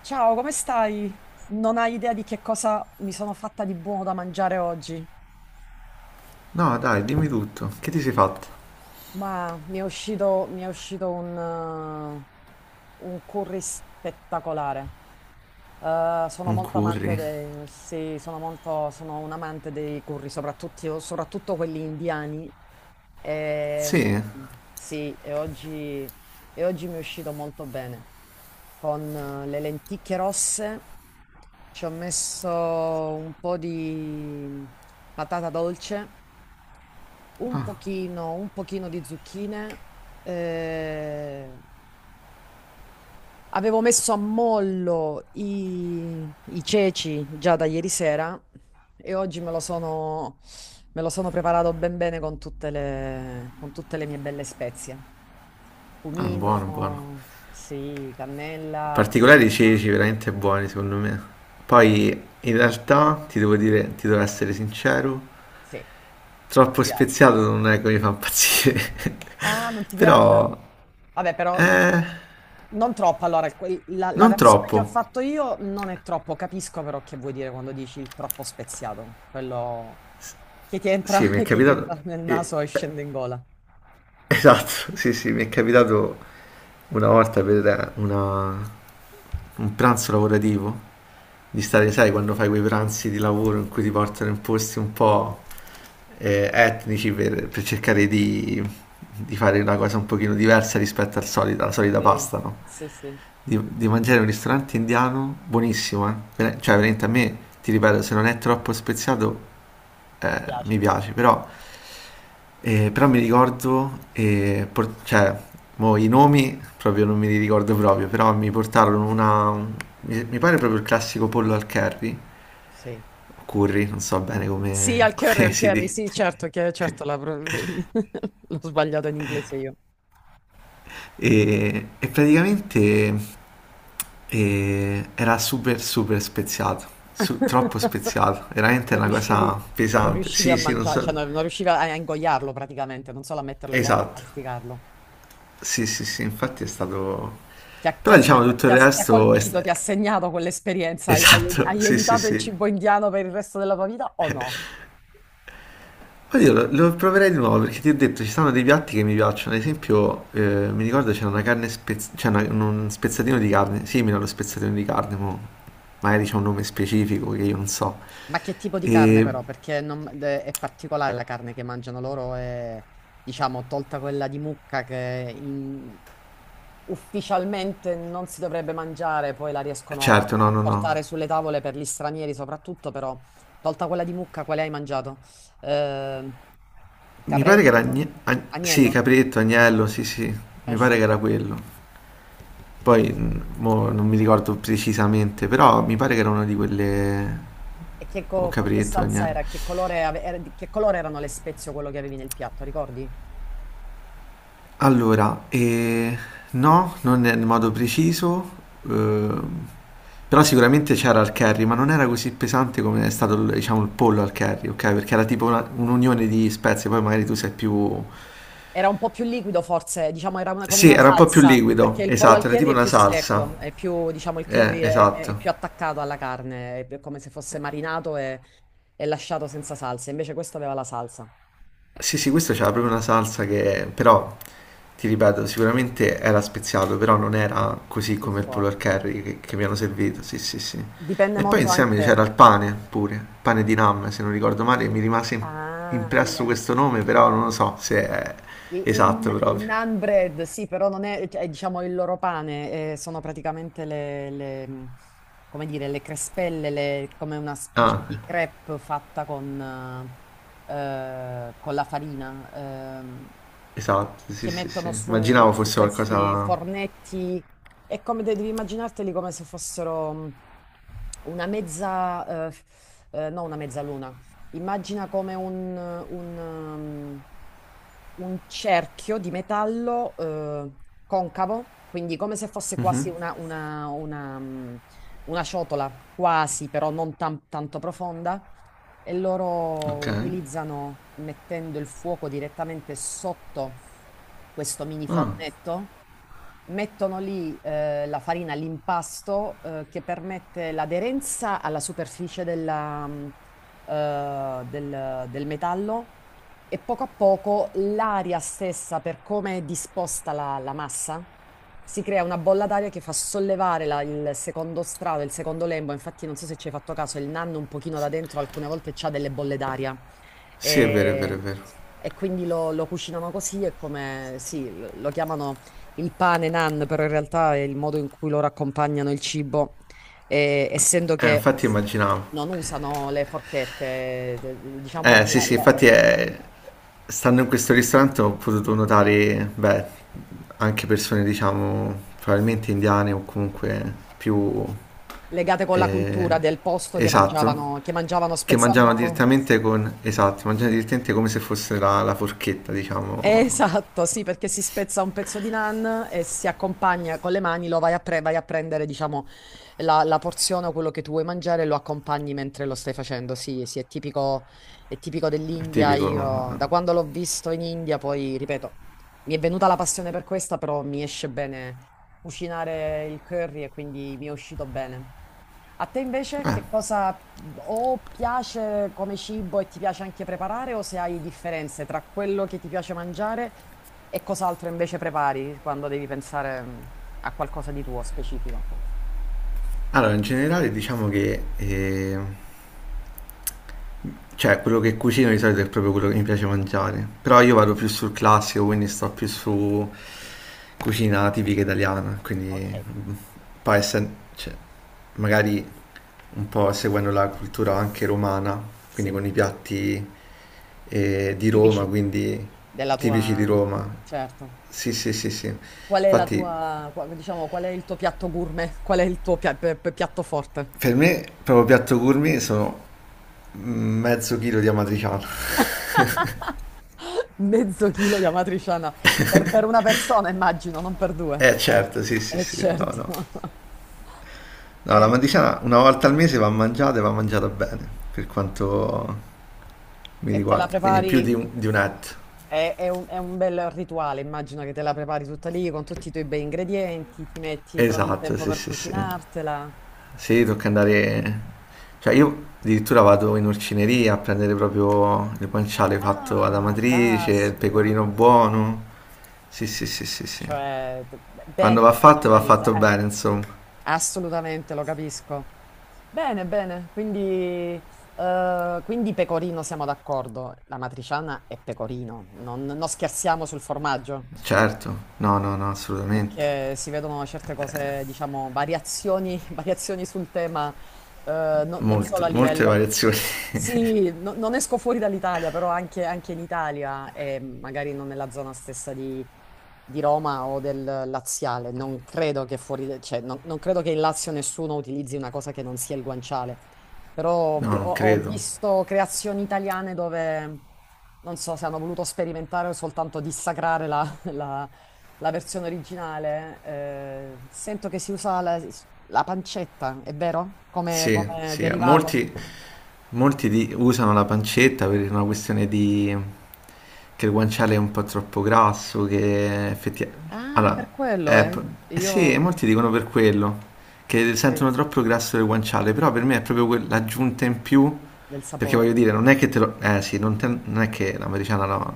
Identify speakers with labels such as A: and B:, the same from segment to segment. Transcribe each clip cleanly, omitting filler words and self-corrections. A: Ciao, come stai? Non hai idea di che cosa mi sono fatta di buono da mangiare oggi,
B: No, dai, dimmi tutto. Che ti sei fatto?
A: ma mi è uscito un curry spettacolare. Sono
B: Un
A: molto amante
B: curry?
A: dei, sono un amante dei curry, soprattutto quelli indiani.
B: Sì,
A: E,
B: è
A: sì, e oggi mi è uscito molto bene. Con le lenticchie rosse ci ho messo un po' di patata dolce, un pochino di zucchine, eh, avevo messo a mollo i ceci già da ieri sera e oggi me lo sono preparato ben bene con con tutte le mie belle spezie.
B: buono, buono.
A: Cumino, sì, cannella,
B: Particolari i
A: curcuma,
B: ceci, veramente buoni, secondo me. Poi, in realtà, ti devo dire, ti devo essere sincero,
A: sì, non
B: troppo
A: ti piace.
B: speziato non è che mi fa impazzire.
A: Ah, non ti piace?
B: Però,
A: Vabbè, però
B: eh,
A: non troppo. Allora, la
B: non
A: versione che ho
B: troppo.
A: fatto io non è troppo. Capisco però che vuoi dire quando dici il troppo speziato. Quello che ti entra,
B: Sì, mi è
A: che ti
B: capitato.
A: entra nel
B: eh,
A: naso e
B: eh,
A: scende in gola.
B: Esatto, sì, sì, mi è capitato una volta per un pranzo lavorativo, di stare, sai, quando fai quei pranzi di lavoro in cui ti portano in posti un po' etnici per
A: Sì,
B: cercare di fare una cosa un pochino diversa rispetto al solito, alla solita
A: sì,
B: pasta, no?
A: sì, sì. Mi
B: Di mangiare in un ristorante indiano buonissimo, eh. Cioè, veramente a me, ti ripeto, se non è troppo speziato, mi
A: piace.
B: piace, però mi ricordo, cioè, mo i nomi proprio non me li ricordo proprio, però mi portarono mi pare proprio il classico pollo al curry,
A: Sì.
B: o curry, non so bene
A: Sì,
B: come
A: al
B: si
A: curry, sì,
B: dica.
A: certo, certo la pro- l'ho sbagliato in inglese io.
B: E praticamente era super super speziato, troppo speziato, veramente
A: Non
B: una
A: riuscivi,
B: cosa
A: non
B: pesante.
A: riuscivi
B: Sì,
A: a
B: sì, non
A: mangiare,
B: so,
A: cioè non riuscivi a ingoiarlo praticamente, non solo a metterlo in bocca, a
B: esatto,
A: masticarlo.
B: sì, sì, sì, infatti è stato.
A: Ti ha, ti
B: Però
A: ha- ti ha-
B: diciamo tutto il
A: ti ha
B: resto è,
A: colpito,
B: sta-
A: ti ha segnato quell'esperienza?
B: Esatto,
A: Hai
B: sì, sì,
A: evitato il
B: sì.
A: cibo indiano per il resto della tua vita o no?
B: Poi io lo proverei di nuovo perché ti ho detto ci sono dei piatti che mi piacciono. Ad esempio, mi ricordo c'era una carne c'è un spezzatino di carne, simile allo spezzatino di carne, mo magari c'è un nome specifico che io non so.
A: Ma che tipo di carne
B: E
A: però? Perché è particolare la carne che mangiano loro e diciamo tolta quella di mucca che in- ufficialmente non si dovrebbe mangiare, poi la riescono
B: certo, no,
A: a
B: no,
A: portare
B: no.
A: sulle tavole per gli stranieri soprattutto, però tolta quella di mucca, quale hai mangiato? Eh,
B: Mi pare che era
A: capretto?
B: sì,
A: Agnello?
B: capretto, agnello, sì, sì,
A: Eh
B: mi pare
A: sì.
B: che era quello. Poi mo non mi ricordo precisamente, però mi pare che era una di quelle
A: E che
B: o
A: co- con che
B: capretto,
A: salsa era?
B: agnello.
A: Che colore, che colore erano le spezie o quello che avevi nel piatto, ricordi?
B: Allora, no, non nel modo preciso, ehm, però sicuramente c'era al curry, ma non era così pesante come è stato, diciamo, il pollo al curry, ok? Perché era tipo un'unione di spezie, poi magari tu sei più.
A: Era un po' più liquido forse, diciamo era una- come
B: Sì,
A: una
B: era un po' più
A: salsa, perché
B: liquido,
A: il pollo al
B: esatto, era
A: curry
B: tipo
A: è
B: una
A: più
B: salsa,
A: secco, è più, diciamo, il curry è più
B: esatto.
A: attaccato alla carne, è come se fosse marinato e lasciato senza salsa, invece questo aveva la salsa,
B: Sì, sì, questo c'era proprio una salsa che, però, ti ripeto, sicuramente era speziato, però non era così
A: così
B: come il pollo al
A: forte.
B: curry che mi hanno servito, sì, sì, sì.
A: Dipende
B: E poi
A: molto
B: insieme c'era
A: anche...
B: il pane pure, pane di Nam, se non ricordo male, mi rimase
A: Ah,
B: impresso
A: il-
B: questo nome, però non lo so se è esatto
A: Il
B: proprio.
A: naan bread, sì, però non è, cioè, è, diciamo il loro pane, sono praticamente come dire, le crespelle, le- come una specie
B: Ah,
A: di crepe fatta con la farina,
B: esatto, sì,
A: che
B: sì, sì.
A: mettono su,
B: Immaginavo
A: su
B: fosse
A: questi
B: qualcosa.
A: fornetti e come de- devi immaginarteli come se fossero una mezza, no una mezzaluna. Immagina come un cerchio di metallo concavo, quindi come se fosse quasi una, una ciotola, quasi però non tan- tanto profonda, e loro
B: Ok.
A: utilizzano, mettendo il fuoco direttamente sotto questo mini
B: Ah,
A: fornetto, mettono lì la farina, l'impasto che permette l'aderenza alla superficie del, del metallo e poco a poco l'aria stessa, per come è disposta la massa, si crea una bolla d'aria che fa sollevare la- il secondo strato, il secondo lembo. Infatti, non so se ci hai fatto caso, il nanno un pochino da dentro alcune volte c'ha delle bolle d'aria.
B: sì, è vero, è vero, è
A: E...
B: vero.
A: E quindi lo cucinano così, è come, sì, lo chiamano il pane nan, però in realtà è il modo in cui loro accompagnano il cibo essendo che
B: Infatti immaginavo.
A: non usano le forchette, diciamo,
B: Sì,
A: la-
B: sì,
A: la-
B: infatti è. Stando in questo ristorante ho potuto notare, beh, anche persone, diciamo, probabilmente indiane o comunque più
A: legate con la
B: eh,
A: cultura del posto
B: esatto,
A: che mangiavano,
B: che mangiano
A: spezzavano.
B: direttamente con, esatto, mangiano direttamente come se fosse la forchetta, diciamo,
A: Esatto, sì, perché si spezza un pezzo di naan e si accompagna con le mani, lo vai a, pre- vai a prendere, diciamo, la porzione o quello che tu vuoi mangiare e lo accompagni mentre lo stai facendo. Sì, sì, è tipico
B: è
A: dell'India. Io, da
B: tipico.
A: quando l'ho visto in India, poi, ripeto, mi è venuta la passione per questa, però mi esce bene cucinare il curry e quindi mi è uscito bene. A te invece che cosa o piace come cibo e ti piace anche preparare o se hai differenze tra quello che ti piace mangiare e cos'altro invece prepari quando devi pensare a qualcosa di tuo specifico?
B: Allora, in generale diciamo che cioè, quello che cucino di solito è proprio quello che mi piace mangiare. Però io vado più sul classico, quindi sto più su cucina tipica italiana. Quindi,
A: Ok,
B: poi cioè, magari un po' seguendo la cultura anche romana, quindi
A: sì,
B: con i piatti di Roma,
A: tipici
B: quindi
A: della
B: tipici di
A: tua...
B: Roma.
A: Certo.
B: Sì, sì, sì, sì.
A: Qual è la
B: Infatti,
A: tua, qua- diciamo, qual è il tuo piatto gourmet? Qual è il tuo piatto forte?
B: per me, proprio piatto gourmet sono mezzo chilo di amatriciano.
A: Mezzo chilo di amatriciana per una persona, immagino, non per due.
B: Certo, sì, sì,
A: Eh
B: sì, no, no.
A: certo.
B: No, la
A: E,
B: matriciana una volta al mese va mangiata e va mangiata bene, per quanto mi
A: e te la
B: riguarda, quindi
A: prepari,
B: più di un etto.
A: è è un bel rituale, immagino che te la prepari tutta lì con tutti i tuoi bei ingredienti, ti metti, trovi il
B: Esatto,
A: tempo
B: sì,
A: per
B: sì, sì.
A: cucinartela.
B: Sì, tocca andare. Cioè io addirittura vado in orcineria a prendere proprio il guanciale fatto ad
A: Ah,
B: Amatrice, il pecorino
A: caspita.
B: buono. Sì, sì, sì, sì, sì.
A: Cioè, t-
B: Quando
A: bene ben
B: va fatto
A: organizzata.
B: bene, insomma.
A: Assolutamente, lo capisco. Bene, bene, quindi, quindi pecorino siamo d'accordo. La matriciana è pecorino, non, non scherziamo sul formaggio
B: Certo, no, no, no, assolutamente.
A: perché si vedono certe cose, diciamo, variazioni, variazioni sul tema, no- non solo
B: Molto,
A: a
B: molte
A: livello...
B: variazioni.
A: Sì, no- non esco fuori dall'Italia, però anche in Italia e magari non nella zona stessa di Roma o del Laziale. Non credo che fuori, cioè, non, non credo che in Lazio nessuno utilizzi una cosa che non sia il guanciale. Però
B: No,
A: vi- ho,
B: non
A: ho
B: credo.
A: visto creazioni italiane dove non so se hanno voluto sperimentare o soltanto dissacrare la, la versione originale, sento che si usa la, la pancetta, è vero? Come,
B: Sì,
A: come
B: sì,
A: derivato?
B: molti. Molti usano la pancetta per una questione di che il guanciale è un po' troppo grasso, che effettivamente.
A: Ah,
B: Allora,
A: per quello,
B: è
A: eh?
B: pro- eh sì,
A: Io...
B: molti dicono per quello, che
A: ok,
B: sentono troppo grasso il guanciale, però per me è proprio l'aggiunta in più,
A: del
B: perché voglio
A: sapore.
B: dire, non è che te lo. Eh sì, non è che l'americana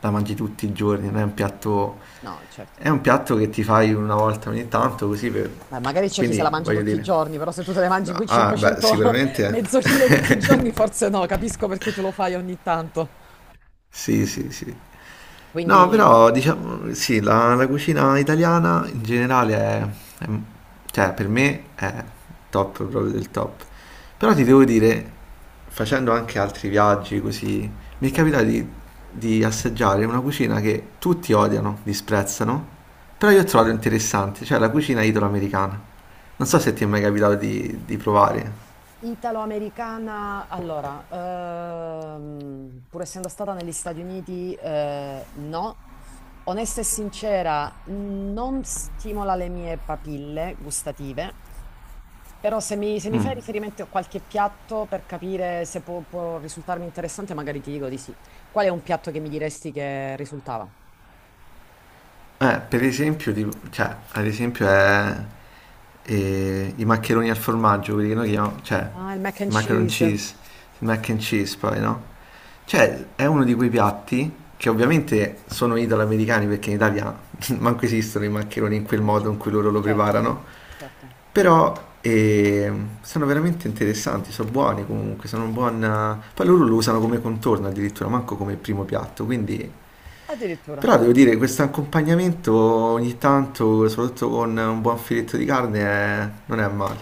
B: la mangi tutti i giorni, non è un piatto.
A: No, certo.
B: È un piatto che ti fai una volta ogni tanto, così per.
A: Beh, magari c'è chi se
B: Quindi,
A: la mangia
B: voglio
A: tutti i
B: dire.
A: giorni, però se tu te ne mangi
B: No,
A: quei
B: ah, beh,
A: 500
B: sicuramente.
A: mezzo chilo tutti i giorni, forse no, capisco perché tu lo fai ogni tanto.
B: Sì, sì, sì. No,
A: Quindi,
B: però diciamo sì, la cucina italiana in generale è- cioè per me è top, proprio del top. Però ti devo dire, facendo anche altri viaggi così, mi è
A: sì.
B: capitato di assaggiare una cucina che tutti odiano, disprezzano, però io ho trovato interessante, cioè la cucina italoamericana. Non so se ti è mai capitato di provare.
A: Italo-americana, allora, pur essendo stata negli Stati Uniti, no. Onesta e sincera, non stimola le mie papille gustative, però se mi fai
B: Mm.
A: riferimento a qualche piatto per capire se può, può risultarmi interessante, magari ti dico di sì. Qual è un piatto che mi diresti che risultava?
B: Per esempio, tipo, cioè, ad esempio è i maccheroni al formaggio, quelli che noi chiamiamo, cioè,
A: Ah, il mac and
B: i macaron
A: cheese.
B: cheese, il mac and cheese poi, no? Cioè, è uno di quei piatti che ovviamente sono italo-americani perché in Italia manco esistono i maccheroni in quel
A: Ah,
B: modo in
A: certo,
B: cui loro lo
A: certo,
B: preparano,
A: certo.
B: però eh, sono veramente interessanti, sono buoni comunque, sono un buon. Poi loro lo usano come contorno addirittura, manco come primo piatto, quindi
A: Addirittura.
B: però devo dire, questo accompagnamento ogni tanto, soprattutto con un buon filetto di carne, non è male.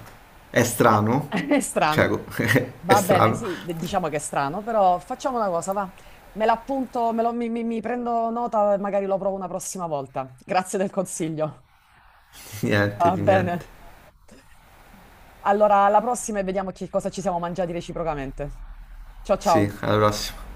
B: È
A: Va-
B: strano,
A: È
B: cioè,
A: strano.
B: è
A: Va bene,
B: strano.
A: sì, d- diciamo che è strano, però facciamo una cosa, va. Me l'appunto, me lo- mi- mi prendo nota e magari lo provo una prossima volta. Grazie del consiglio.
B: Niente,
A: Va
B: di
A: bene.
B: niente.
A: Allora, alla prossima e vediamo che cosa ci siamo mangiati reciprocamente. Ciao
B: Sì,
A: ciao.
B: alla prossima.